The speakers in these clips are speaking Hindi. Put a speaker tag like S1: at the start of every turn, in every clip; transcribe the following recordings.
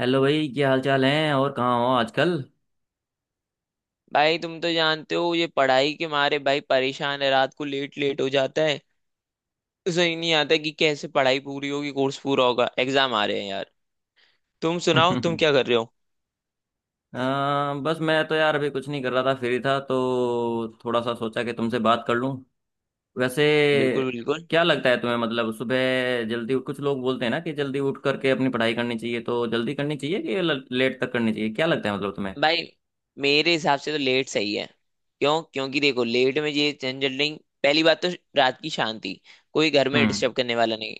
S1: हेलो भाई, क्या हाल चाल है? और कहाँ हो आजकल?
S2: भाई, तुम तो जानते हो ये पढ़ाई के मारे भाई परेशान है। रात को लेट लेट हो जाता है। समझ नहीं आता कि कैसे पढ़ाई पूरी होगी, कोर्स पूरा होगा, एग्जाम आ रहे हैं यार। तुम सुनाओ, तुम क्या कर रहे हो।
S1: बस मैं तो यार अभी कुछ नहीं कर रहा था, फ्री था तो थोड़ा सा सोचा कि तुमसे बात कर लूं, वैसे।
S2: बिल्कुल बिल्कुल।
S1: क्या लगता है तुम्हें, मतलब सुबह जल्दी, कुछ लोग बोलते हैं ना कि जल्दी उठ करके अपनी पढ़ाई करनी चाहिए, तो जल्दी करनी चाहिए कि लेट तक करनी चाहिए? क्या लगता है मतलब तुम्हें?
S2: भाई, मेरे हिसाब से तो लेट सही है। क्यों? क्योंकि देखो लेट में ये झंझट नहीं। पहली बात तो रात की शांति, कोई घर में
S1: हम्म।
S2: डिस्टर्ब करने वाला नहीं।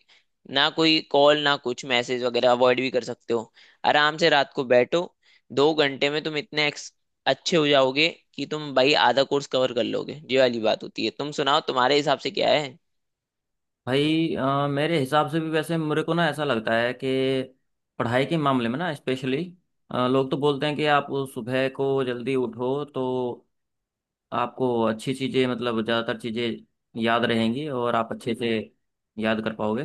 S2: ना कोई कॉल, ना कुछ मैसेज वगैरह अवॉइड भी कर सकते हो। आराम से रात को बैठो, 2 घंटे में तुम इतने अच्छे हो जाओगे कि तुम भाई आधा कोर्स कवर कर लोगे। ये वाली बात होती है। तुम सुनाओ, तुम्हारे हिसाब से क्या है।
S1: भाई मेरे हिसाब से भी, वैसे मेरे को ना ऐसा लगता है कि पढ़ाई के मामले में ना, स्पेशली लोग तो बोलते हैं कि
S2: हम्म।
S1: आप सुबह को जल्दी उठो तो आपको अच्छी चीज़ें, मतलब ज़्यादातर चीज़ें याद रहेंगी और आप अच्छे से याद कर पाओगे।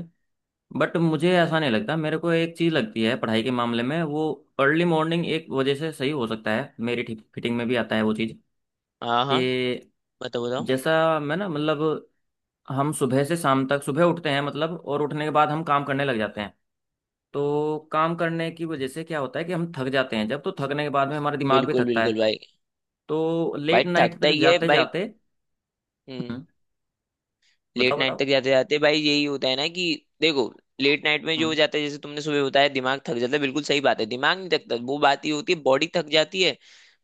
S1: बट मुझे ऐसा नहीं लगता। मेरे को एक चीज़ लगती है पढ़ाई के मामले में, वो अर्ली मॉर्निंग एक वजह से सही हो सकता है, मेरी ठीक फिटिंग में भी आता है वो चीज़,
S2: हाँ हाँ,
S1: कि
S2: बताओ बताओ।
S1: जैसा, मैं ना मतलब हम सुबह से शाम तक, सुबह उठते हैं मतलब, और उठने के बाद हम काम करने लग जाते हैं। तो काम करने की वजह से क्या होता है कि हम थक जाते हैं जब, तो थकने के बाद में हमारा दिमाग भी
S2: बिल्कुल
S1: थकता
S2: बिल्कुल
S1: है।
S2: भाई।
S1: तो
S2: भाई
S1: लेट नाइट
S2: थकता
S1: तक
S2: ही है
S1: जाते
S2: भाई।
S1: जाते,
S2: हम्म।
S1: बताओ
S2: लेट नाइट तक
S1: बताओ।
S2: जाते जाते भाई यही होता है ना कि देखो लेट नाइट में जो हो
S1: हम्म।
S2: जाता है, जैसे तुमने सुबह बताया दिमाग थक जाता है। बिल्कुल सही बात है। दिमाग नहीं थकता, वो बात ही होती है, बॉडी थक जाती है।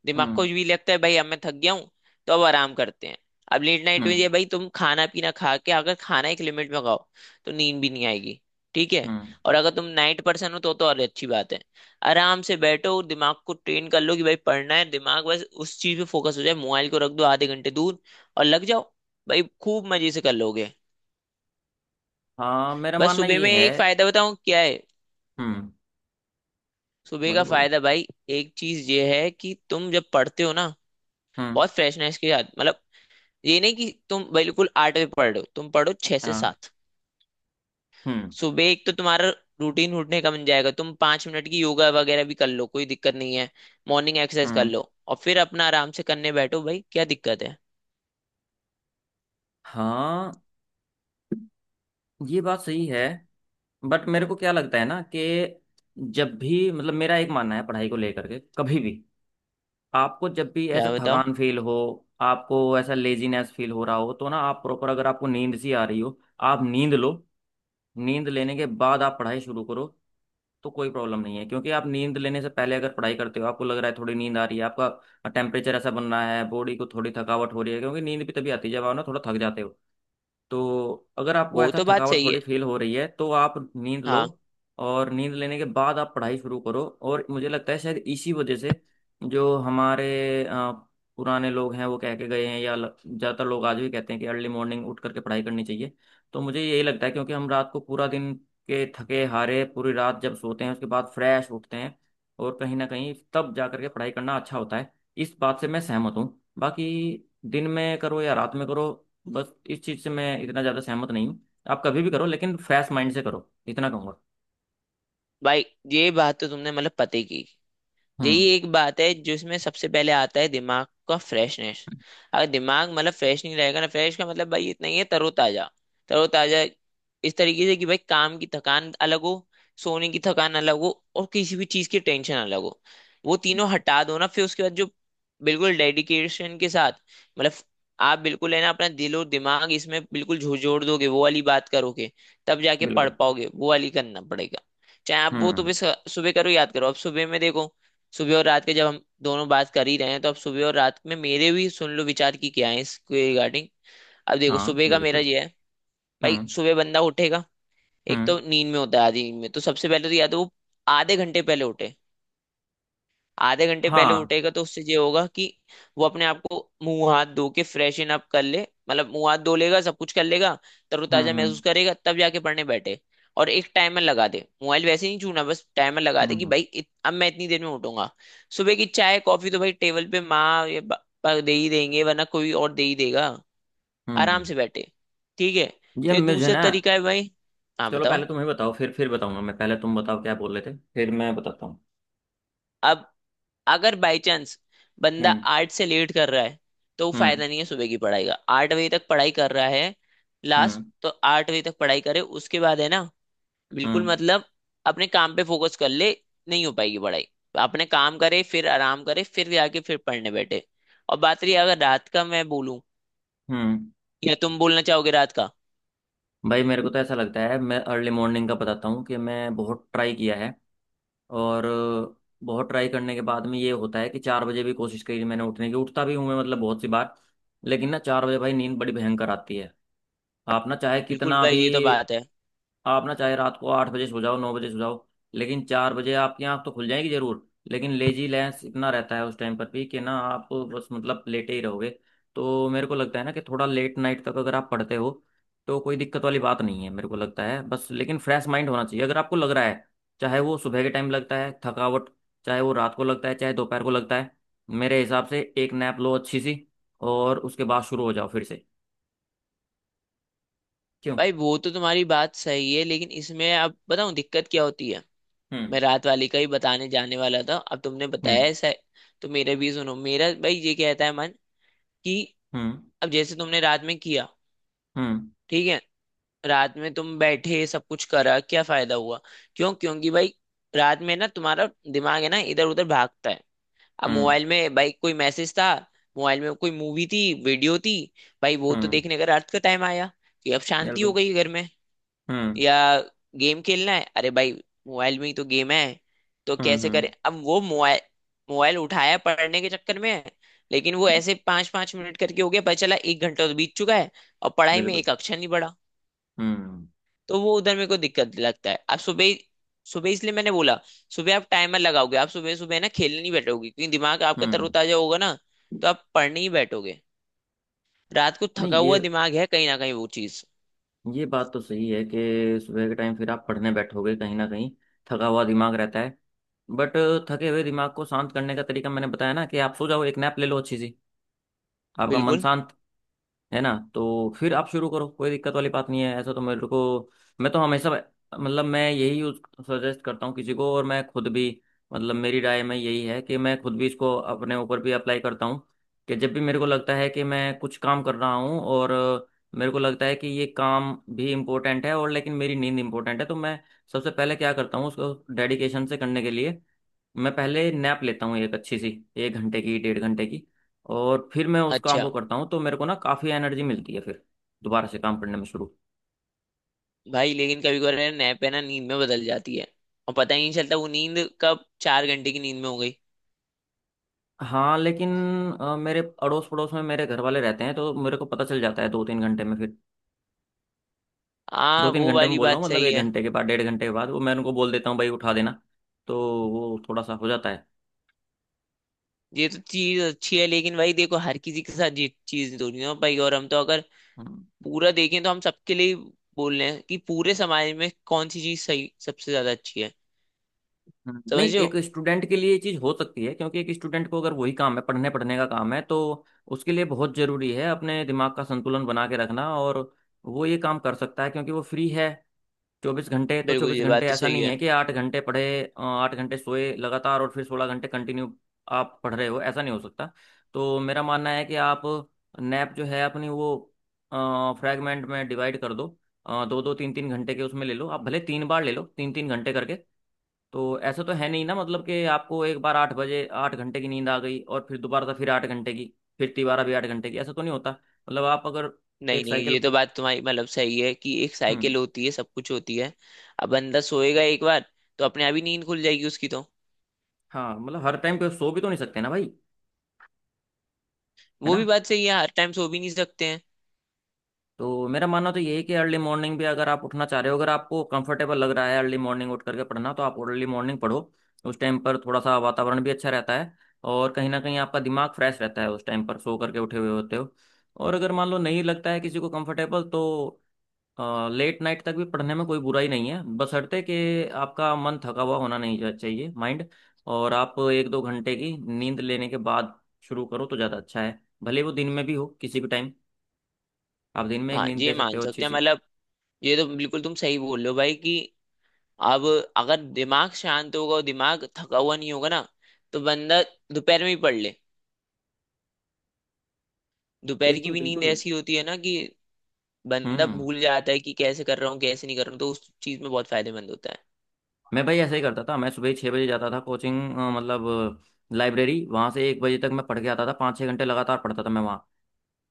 S2: दिमाग को
S1: हम्म।
S2: भी लगता है भाई अब मैं थक गया हूँ, तो अब आराम करते हैं। अब लेट नाइट में
S1: हम्म।
S2: ये भाई तुम खाना पीना खा के, अगर खाना एक लिमिट में खाओ तो नींद भी नहीं आएगी। ठीक है।
S1: हम्म।
S2: और अगर तुम नाइट पर्सन हो तो और अच्छी बात है। आराम से बैठो और दिमाग को ट्रेन कर लो कि भाई पढ़ना है, दिमाग बस उस चीज पे फोकस हो जाए, मोबाइल को रख दो आधे घंटे दूर और लग जाओ। भाई खूब मजे से कर लोगे।
S1: हाँ, मेरा
S2: बस
S1: मानना
S2: सुबह
S1: ये
S2: में
S1: है।
S2: एक फायदा बताऊं क्या है।
S1: हम्म।
S2: सुबह का
S1: बोलो बोलो।
S2: फायदा भाई, एक चीज ये है कि तुम जब पढ़ते हो ना,
S1: हम्म।
S2: बहुत फ्रेशनेस के साथ, मतलब ये नहीं कि तुम बिल्कुल 8 बजे पढ़ रहे हो, तुम पढ़ो छह से
S1: हाँ।
S2: सात
S1: हम्म।
S2: सुबह एक तो तुम्हारा रूटीन उठने का बन जाएगा, तुम 5 मिनट की योगा वगैरह भी कर लो, कोई दिक्कत नहीं है। मॉर्निंग एक्सरसाइज कर
S1: हम्म।
S2: लो और फिर अपना आराम से करने बैठो, भाई क्या दिक्कत है।
S1: हाँ, ये बात सही है। बट मेरे को क्या लगता है ना कि जब भी, मतलब मेरा एक मानना है पढ़ाई को लेकर के, कभी भी आपको जब भी ऐसा
S2: क्या बताओ।
S1: थकान फील हो, आपको ऐसा लेजीनेस फील हो रहा हो, तो ना आप प्रॉपर, अगर आपको नींद सी आ रही हो, आप नींद लो। नींद लेने के बाद आप पढ़ाई शुरू करो तो कोई प्रॉब्लम नहीं है। क्योंकि आप नींद लेने से पहले अगर पढ़ाई करते हो, आपको लग रहा है थोड़ी नींद आ रही है, आपका टेम्परेचर ऐसा बन रहा है, बॉडी को थोड़ी थकावट हो रही है, क्योंकि नींद भी तभी आती है जब आप ना थोड़ा थक जाते हो। तो अगर आपको
S2: वो
S1: ऐसा
S2: तो बात
S1: थकावट
S2: सही है।
S1: थोड़ी फील हो रही है तो आप नींद लो।
S2: हाँ।
S1: और नींद लेने के बाद आप पढ़ाई शुरू करो। और मुझे लगता है शायद इसी वजह से जो हमारे पुराने लोग हैं, वो कह के गए हैं, या ज़्यादातर लोग आज भी कहते हैं कि अर्ली मॉर्निंग उठ करके पढ़ाई करनी चाहिए। तो मुझे यही लगता है, क्योंकि हम रात को पूरा दिन के थके हारे पूरी रात जब सोते हैं, उसके बाद फ्रेश उठते हैं, और कहीं ना कहीं तब जा करके पढ़ाई करना अच्छा होता है। इस बात से मैं सहमत हूँ। बाकी दिन में करो या रात में करो, बस इस चीज से मैं इतना ज्यादा सहमत नहीं हूँ। आप कभी भी करो, लेकिन फ्रेश माइंड से करो, इतना कहूंगा।
S2: भाई ये बात तो तुमने मतलब पते की। यही
S1: हम्म।
S2: एक बात है जिसमें सबसे पहले आता है दिमाग का फ्रेशनेस। अगर दिमाग मतलब फ्रेश नहीं रहेगा ना, फ्रेश का मतलब भाई इतना ही है, तरोताजा। तरोताजा इस तरीके से कि भाई काम की थकान अलग हो, सोने की थकान अलग हो, और किसी भी चीज की टेंशन अलग हो। वो तीनों हटा दो ना, फिर उसके बाद जो बिल्कुल डेडिकेशन के साथ, मतलब आप बिल्कुल है ना, अपना दिल और दिमाग इसमें बिल्कुल झोड़ दोगे, वो वाली बात करोगे, तब जाके पढ़
S1: बिल्कुल।
S2: पाओगे। वो वाली करना पड़ेगा। चाहे आप वो तो
S1: हम्म।
S2: भी सुबह करो, याद करो। अब सुबह में देखो, सुबह और रात के जब हम दोनों बात कर ही रहे हैं, तो अब सुबह और रात में मेरे भी सुन लो विचार की क्या है इसके रिगार्डिंग। अब देखो
S1: हाँ,
S2: सुबह का मेरा
S1: बिल्कुल।
S2: ये है, भाई
S1: हम्म।
S2: सुबह बंदा उठेगा, एक
S1: हम्म।
S2: तो नींद में होता है, आधी नींद में। तो सबसे पहले तो या तो वो आधे घंटे पहले उठे। आधे घंटे पहले
S1: हाँ।
S2: उठेगा तो उससे ये होगा कि वो अपने आप को मुंह हाथ धो के फ्रेशन अप कर ले, मतलब मुंह हाथ धो लेगा, सब कुछ कर लेगा,
S1: हम्म।
S2: तरोताजा महसूस
S1: हम्म।
S2: करेगा, तब जाके पढ़ने बैठे। और एक टाइमर लगा दे, मोबाइल वैसे नहीं छूना, बस टाइमर लगा दे कि
S1: हम्म।
S2: भाई अब मैं इतनी देर में उठूंगा। सुबह की चाय कॉफी तो भाई टेबल पे माँ या पापा दे ही देंगे, वरना कोई और दे ही देगा।
S1: हम्म।
S2: आराम
S1: हम्म।
S2: से बैठे। ठीक है।
S1: ये
S2: फिर
S1: मुझे
S2: दूसरा
S1: ना,
S2: तरीका है भाई। हाँ
S1: चलो
S2: बताओ।
S1: पहले तुम ही बताओ, फिर बताऊंगा मैं। पहले तुम बताओ क्या बोल रहे थे, फिर मैं बताता हूँ।
S2: अब अगर बाई चांस बंदा
S1: हम्म।
S2: 8 से लेट कर रहा है, तो वो
S1: हम्म।
S2: फायदा नहीं है सुबह की पढ़ाई का। आठ बजे तक पढ़ाई कर रहा है, लास्ट
S1: हम्म।
S2: तो 8 बजे तक पढ़ाई करे, उसके बाद है ना बिल्कुल
S1: हम्म।
S2: मतलब अपने काम पे फोकस कर ले, नहीं हो पाएगी पढ़ाई। अपने काम करे, फिर आराम करे, फिर जाके फिर पढ़ने बैठे। और बात रही अगर रात का मैं बोलूं,
S1: हम्म।
S2: या तुम बोलना चाहोगे रात का।
S1: भाई मेरे को तो ऐसा लगता है, मैं अर्ली मॉर्निंग का बताता हूँ कि मैं बहुत ट्राई किया है और बहुत ट्राई करने के बाद में ये होता है कि 4 बजे भी कोशिश करी मैंने उठने की, उठता भी हूँ मैं मतलब बहुत सी बार, लेकिन ना 4 बजे भाई नींद बड़ी भयंकर आती है। आप ना चाहे
S2: बिल्कुल
S1: कितना
S2: भाई
S1: भी,
S2: ये तो बात है।
S1: आप ना चाहे रात को 8 बजे सो जाओ, 9 बजे सो जाओ, लेकिन 4 बजे आपकी आंख तो खुल जाएगी जरूर, लेकिन लेजी लेंस इतना रहता है उस टाइम पर भी कि ना आप बस मतलब लेटे ही रहोगे। तो मेरे को लगता है ना कि थोड़ा लेट नाइट तक अगर आप पढ़ते हो तो कोई दिक्कत वाली बात नहीं है, मेरे को लगता है। बस लेकिन फ्रेश माइंड होना चाहिए। अगर आपको लग रहा है, चाहे वो सुबह के टाइम लगता है थकावट, चाहे वो रात को लगता है, चाहे दोपहर को लगता है, मेरे हिसाब से एक नैप लो अच्छी सी, और उसके बाद शुरू हो जाओ फिर से। क्यों?
S2: भाई वो तो तुम्हारी बात सही है, लेकिन इसमें अब बताऊं दिक्कत क्या होती है।
S1: हम्म।
S2: मैं रात वाली का ही बताने जाने वाला था, अब तुमने बताया
S1: हम्म।
S2: ऐसा है, तो मेरे भी सुनो, मेरा भाई ये कहता है मन कि
S1: हम्म।
S2: अब जैसे तुमने रात में किया।
S1: हम्म।
S2: ठीक है। रात में तुम बैठे, सब कुछ करा, क्या फायदा हुआ। क्यों? क्योंकि भाई रात में ना तुम्हारा दिमाग है ना इधर उधर भागता है। अब
S1: हम्म।
S2: मोबाइल में भाई कोई मैसेज था, मोबाइल में कोई मूवी थी, वीडियो थी, भाई वो तो
S1: हम्म।
S2: देखने का रात का टाइम आया कि अब शांति हो
S1: बिल्कुल।
S2: गई घर में।
S1: हम्म।
S2: या गेम खेलना है, अरे भाई मोबाइल में ही तो गेम है। तो
S1: हम्म।
S2: कैसे करें
S1: हम्म।
S2: अब वो मोबाइल मोबाइल उठाया पढ़ने के चक्कर में है, लेकिन वो ऐसे 5-5 मिनट करके हो गया, पता चला 1 घंटा तो बीत चुका है, और पढ़ाई में
S1: बिल्कुल।
S2: एक अक्षर नहीं पढ़ा।
S1: हम्म।
S2: तो वो उधर मेरे को दिक्कत लगता है। अब सुबह, सुबह इसलिए मैंने बोला, सुबह आप टाइमर लगाओगे, आप सुबह सुबह ना खेलने नहीं बैठोगे, क्योंकि दिमाग आपका
S1: हम्म।
S2: तरोताजा होगा ना, तो आप पढ़ने ही बैठोगे। रात को
S1: नहीं,
S2: थका
S1: ये,
S2: हुआ दिमाग है, कहीं ना कहीं वो चीज।
S1: ये बात तो सही है कि सुबह के टाइम फिर आप पढ़ने बैठोगे, कहीं ना कहीं थका हुआ दिमाग रहता है। बट थके हुए दिमाग को शांत करने का तरीका मैंने बताया ना, कि आप सो जाओ, एक नैप ले लो अच्छी सी, आपका मन
S2: बिल्कुल।
S1: शांत, है ना? तो फिर आप शुरू करो, कोई दिक्कत वाली बात नहीं है, ऐसा तो मेरे को। मैं तो हमेशा, मतलब मैं यही यूज, सजेस्ट करता हूँ किसी को, और मैं खुद भी, मतलब मेरी राय में यही है, कि मैं खुद भी इसको अपने ऊपर भी अप्लाई करता हूँ। कि जब भी मेरे को लगता है कि मैं कुछ काम कर रहा हूँ, और मेरे को लगता है कि ये काम भी इम्पोर्टेंट है, और लेकिन मेरी नींद इम्पोर्टेंट है, तो मैं सबसे पहले क्या करता हूँ उसको डेडिकेशन से करने के लिए, मैं पहले नैप लेता हूँ एक अच्छी सी, 1 घंटे की, डेढ़ घंटे की, और फिर मैं उस काम
S2: अच्छा।
S1: को करता हूँ, तो मेरे को ना काफ़ी एनर्जी मिलती है फिर दोबारा से काम करने में शुरू।
S2: भाई लेकिन कभी कभार नैप है ना नींद में बदल जाती है, और पता ही नहीं चलता वो नींद कब 4 घंटे की नींद में हो गई।
S1: हाँ लेकिन मेरे अड़ोस पड़ोस में मेरे घर वाले रहते हैं तो मेरे को पता चल जाता है 2-3 घंटे में फिर। दो
S2: हाँ
S1: तीन
S2: वो
S1: घंटे में
S2: वाली
S1: बोल रहा
S2: बात
S1: हूँ मतलब
S2: सही
S1: एक
S2: है।
S1: घंटे के बाद, डेढ़ घंटे के बाद, वो मैं उनको बोल देता हूँ भाई उठा देना। तो वो थोड़ा सा हो जाता
S2: ये तो चीज अच्छी है, लेकिन भाई देखो हर किसी के साथ ये चीज तो नहीं हो पाई, और हम तो अगर
S1: है।
S2: पूरा देखें तो हम सबके लिए बोल रहे हैं कि पूरे समाज में कौन सी चीज सही, सबसे ज्यादा अच्छी है।
S1: हम्म।
S2: समझ
S1: नहीं,
S2: रहे हो।
S1: एक स्टूडेंट के लिए ये चीज़ हो सकती है क्योंकि एक स्टूडेंट को अगर वही काम है, पढ़ने पढ़ने का काम है, तो उसके लिए बहुत ज़रूरी है अपने दिमाग का संतुलन बना के रखना। और वो ये काम कर सकता है क्योंकि वो फ्री है 24 घंटे। तो
S2: बिल्कुल
S1: चौबीस
S2: ये
S1: घंटे
S2: बात तो
S1: ऐसा
S2: सही
S1: नहीं
S2: है।
S1: है कि 8 घंटे पढ़े, 8 घंटे सोए लगातार, और फिर 16 घंटे कंटिन्यू आप पढ़ रहे हो, ऐसा नहीं हो सकता। तो मेरा मानना है कि आप नैप जो है अपनी, वो फ्रैगमेंट में डिवाइड कर दो, दो दो तीन तीन घंटे के उसमें ले लो, आप भले 3 बार ले लो तीन तीन घंटे करके। तो ऐसा तो है नहीं ना, मतलब कि आपको एक बार 8 बजे 8 घंटे की नींद आ गई और फिर दोबारा से फिर 8 घंटे की, फिर तिबारा भी 8 घंटे की, ऐसा तो नहीं होता। मतलब आप अगर
S2: नहीं
S1: एक
S2: नहीं, ये
S1: साइकिल,
S2: तो बात तुम्हारी मतलब सही है कि एक साइकिल
S1: हम्म।
S2: होती है, सब कुछ होती है। अब बंदा सोएगा एक बार तो अपने आप ही नींद खुल जाएगी उसकी तो।
S1: हाँ मतलब हर टाइम पे सो भी तो नहीं सकते ना भाई। है
S2: वो भी
S1: ना?
S2: बात सही है, हर टाइम सो भी नहीं सकते हैं।
S1: तो मेरा मानना तो यही है कि अर्ली मॉर्निंग भी अगर आप उठना चाह रहे हो, अगर आपको कंफर्टेबल लग रहा है अर्ली मॉर्निंग उठ करके पढ़ना, तो आप अर्ली मॉर्निंग पढ़ो। उस टाइम पर थोड़ा सा वातावरण भी अच्छा रहता है, और कहीं ना कहीं आपका दिमाग फ्रेश रहता है, उस टाइम पर सो करके उठे हुए होते हो। और अगर मान लो नहीं लगता है किसी को कंफर्टेबल, तो लेट नाइट तक भी पढ़ने में कोई बुराई नहीं है, बशर्ते कि आपका मन थका हुआ होना नहीं चाहिए, माइंड। और आप 1-2 घंटे की नींद लेने के बाद शुरू करो तो ज़्यादा अच्छा है, भले वो दिन में भी हो किसी भी टाइम। आप दिन में एक
S2: हाँ
S1: नींद ले
S2: ये
S1: सकते
S2: मान
S1: हो अच्छी
S2: सकते हैं,
S1: सी।
S2: मतलब ये तो बिल्कुल तुम सही बोल रहे हो भाई कि अब अगर दिमाग शांत होगा और दिमाग थका हुआ नहीं होगा ना, तो बंदा दोपहर में ही पढ़ ले। दोपहर की
S1: बिल्कुल
S2: भी नींद
S1: बिल्कुल।
S2: ऐसी होती है ना कि बंदा
S1: हम्म।
S2: भूल जाता है कि कैसे कर रहा हूँ, कैसे नहीं कर रहा हूँ, तो उस चीज में बहुत फायदेमंद होता है।
S1: मैं भाई ऐसे ही करता था। मैं सुबह 6 बजे जाता था कोचिंग, मतलब लाइब्रेरी, वहाँ से 1 बजे तक मैं पढ़ के आता था, 5-6 घंटे लगातार पढ़ता था मैं।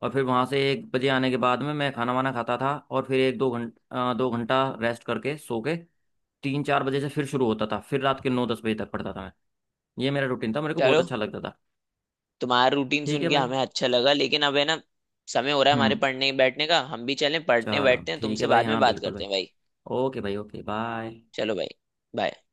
S1: और फिर वहाँ से 1 बजे आने के बाद में मैं खाना वाना खाता था, और फिर 1-2 घंटा, 2 घंटा रेस्ट करके, सो के, 3-4 बजे से फिर शुरू होता था, फिर रात के 9-10 बजे तक पढ़ता था मैं। ये मेरा रूटीन था, मेरे को बहुत
S2: चलो,
S1: अच्छा लगता था।
S2: तुम्हारा रूटीन
S1: ठीक है
S2: सुन के
S1: भाई।
S2: हमें अच्छा लगा, लेकिन अब है ना समय हो रहा है हमारे
S1: हम्म।
S2: पढ़ने बैठने का, हम भी चलें पढ़ने
S1: चलो
S2: बैठते हैं,
S1: ठीक है
S2: तुमसे
S1: भाई।
S2: बाद में
S1: हाँ
S2: बात
S1: बिल्कुल
S2: करते
S1: भाई।
S2: हैं भाई।
S1: ओके भाई, ओके बाय।
S2: चलो भाई। बाय।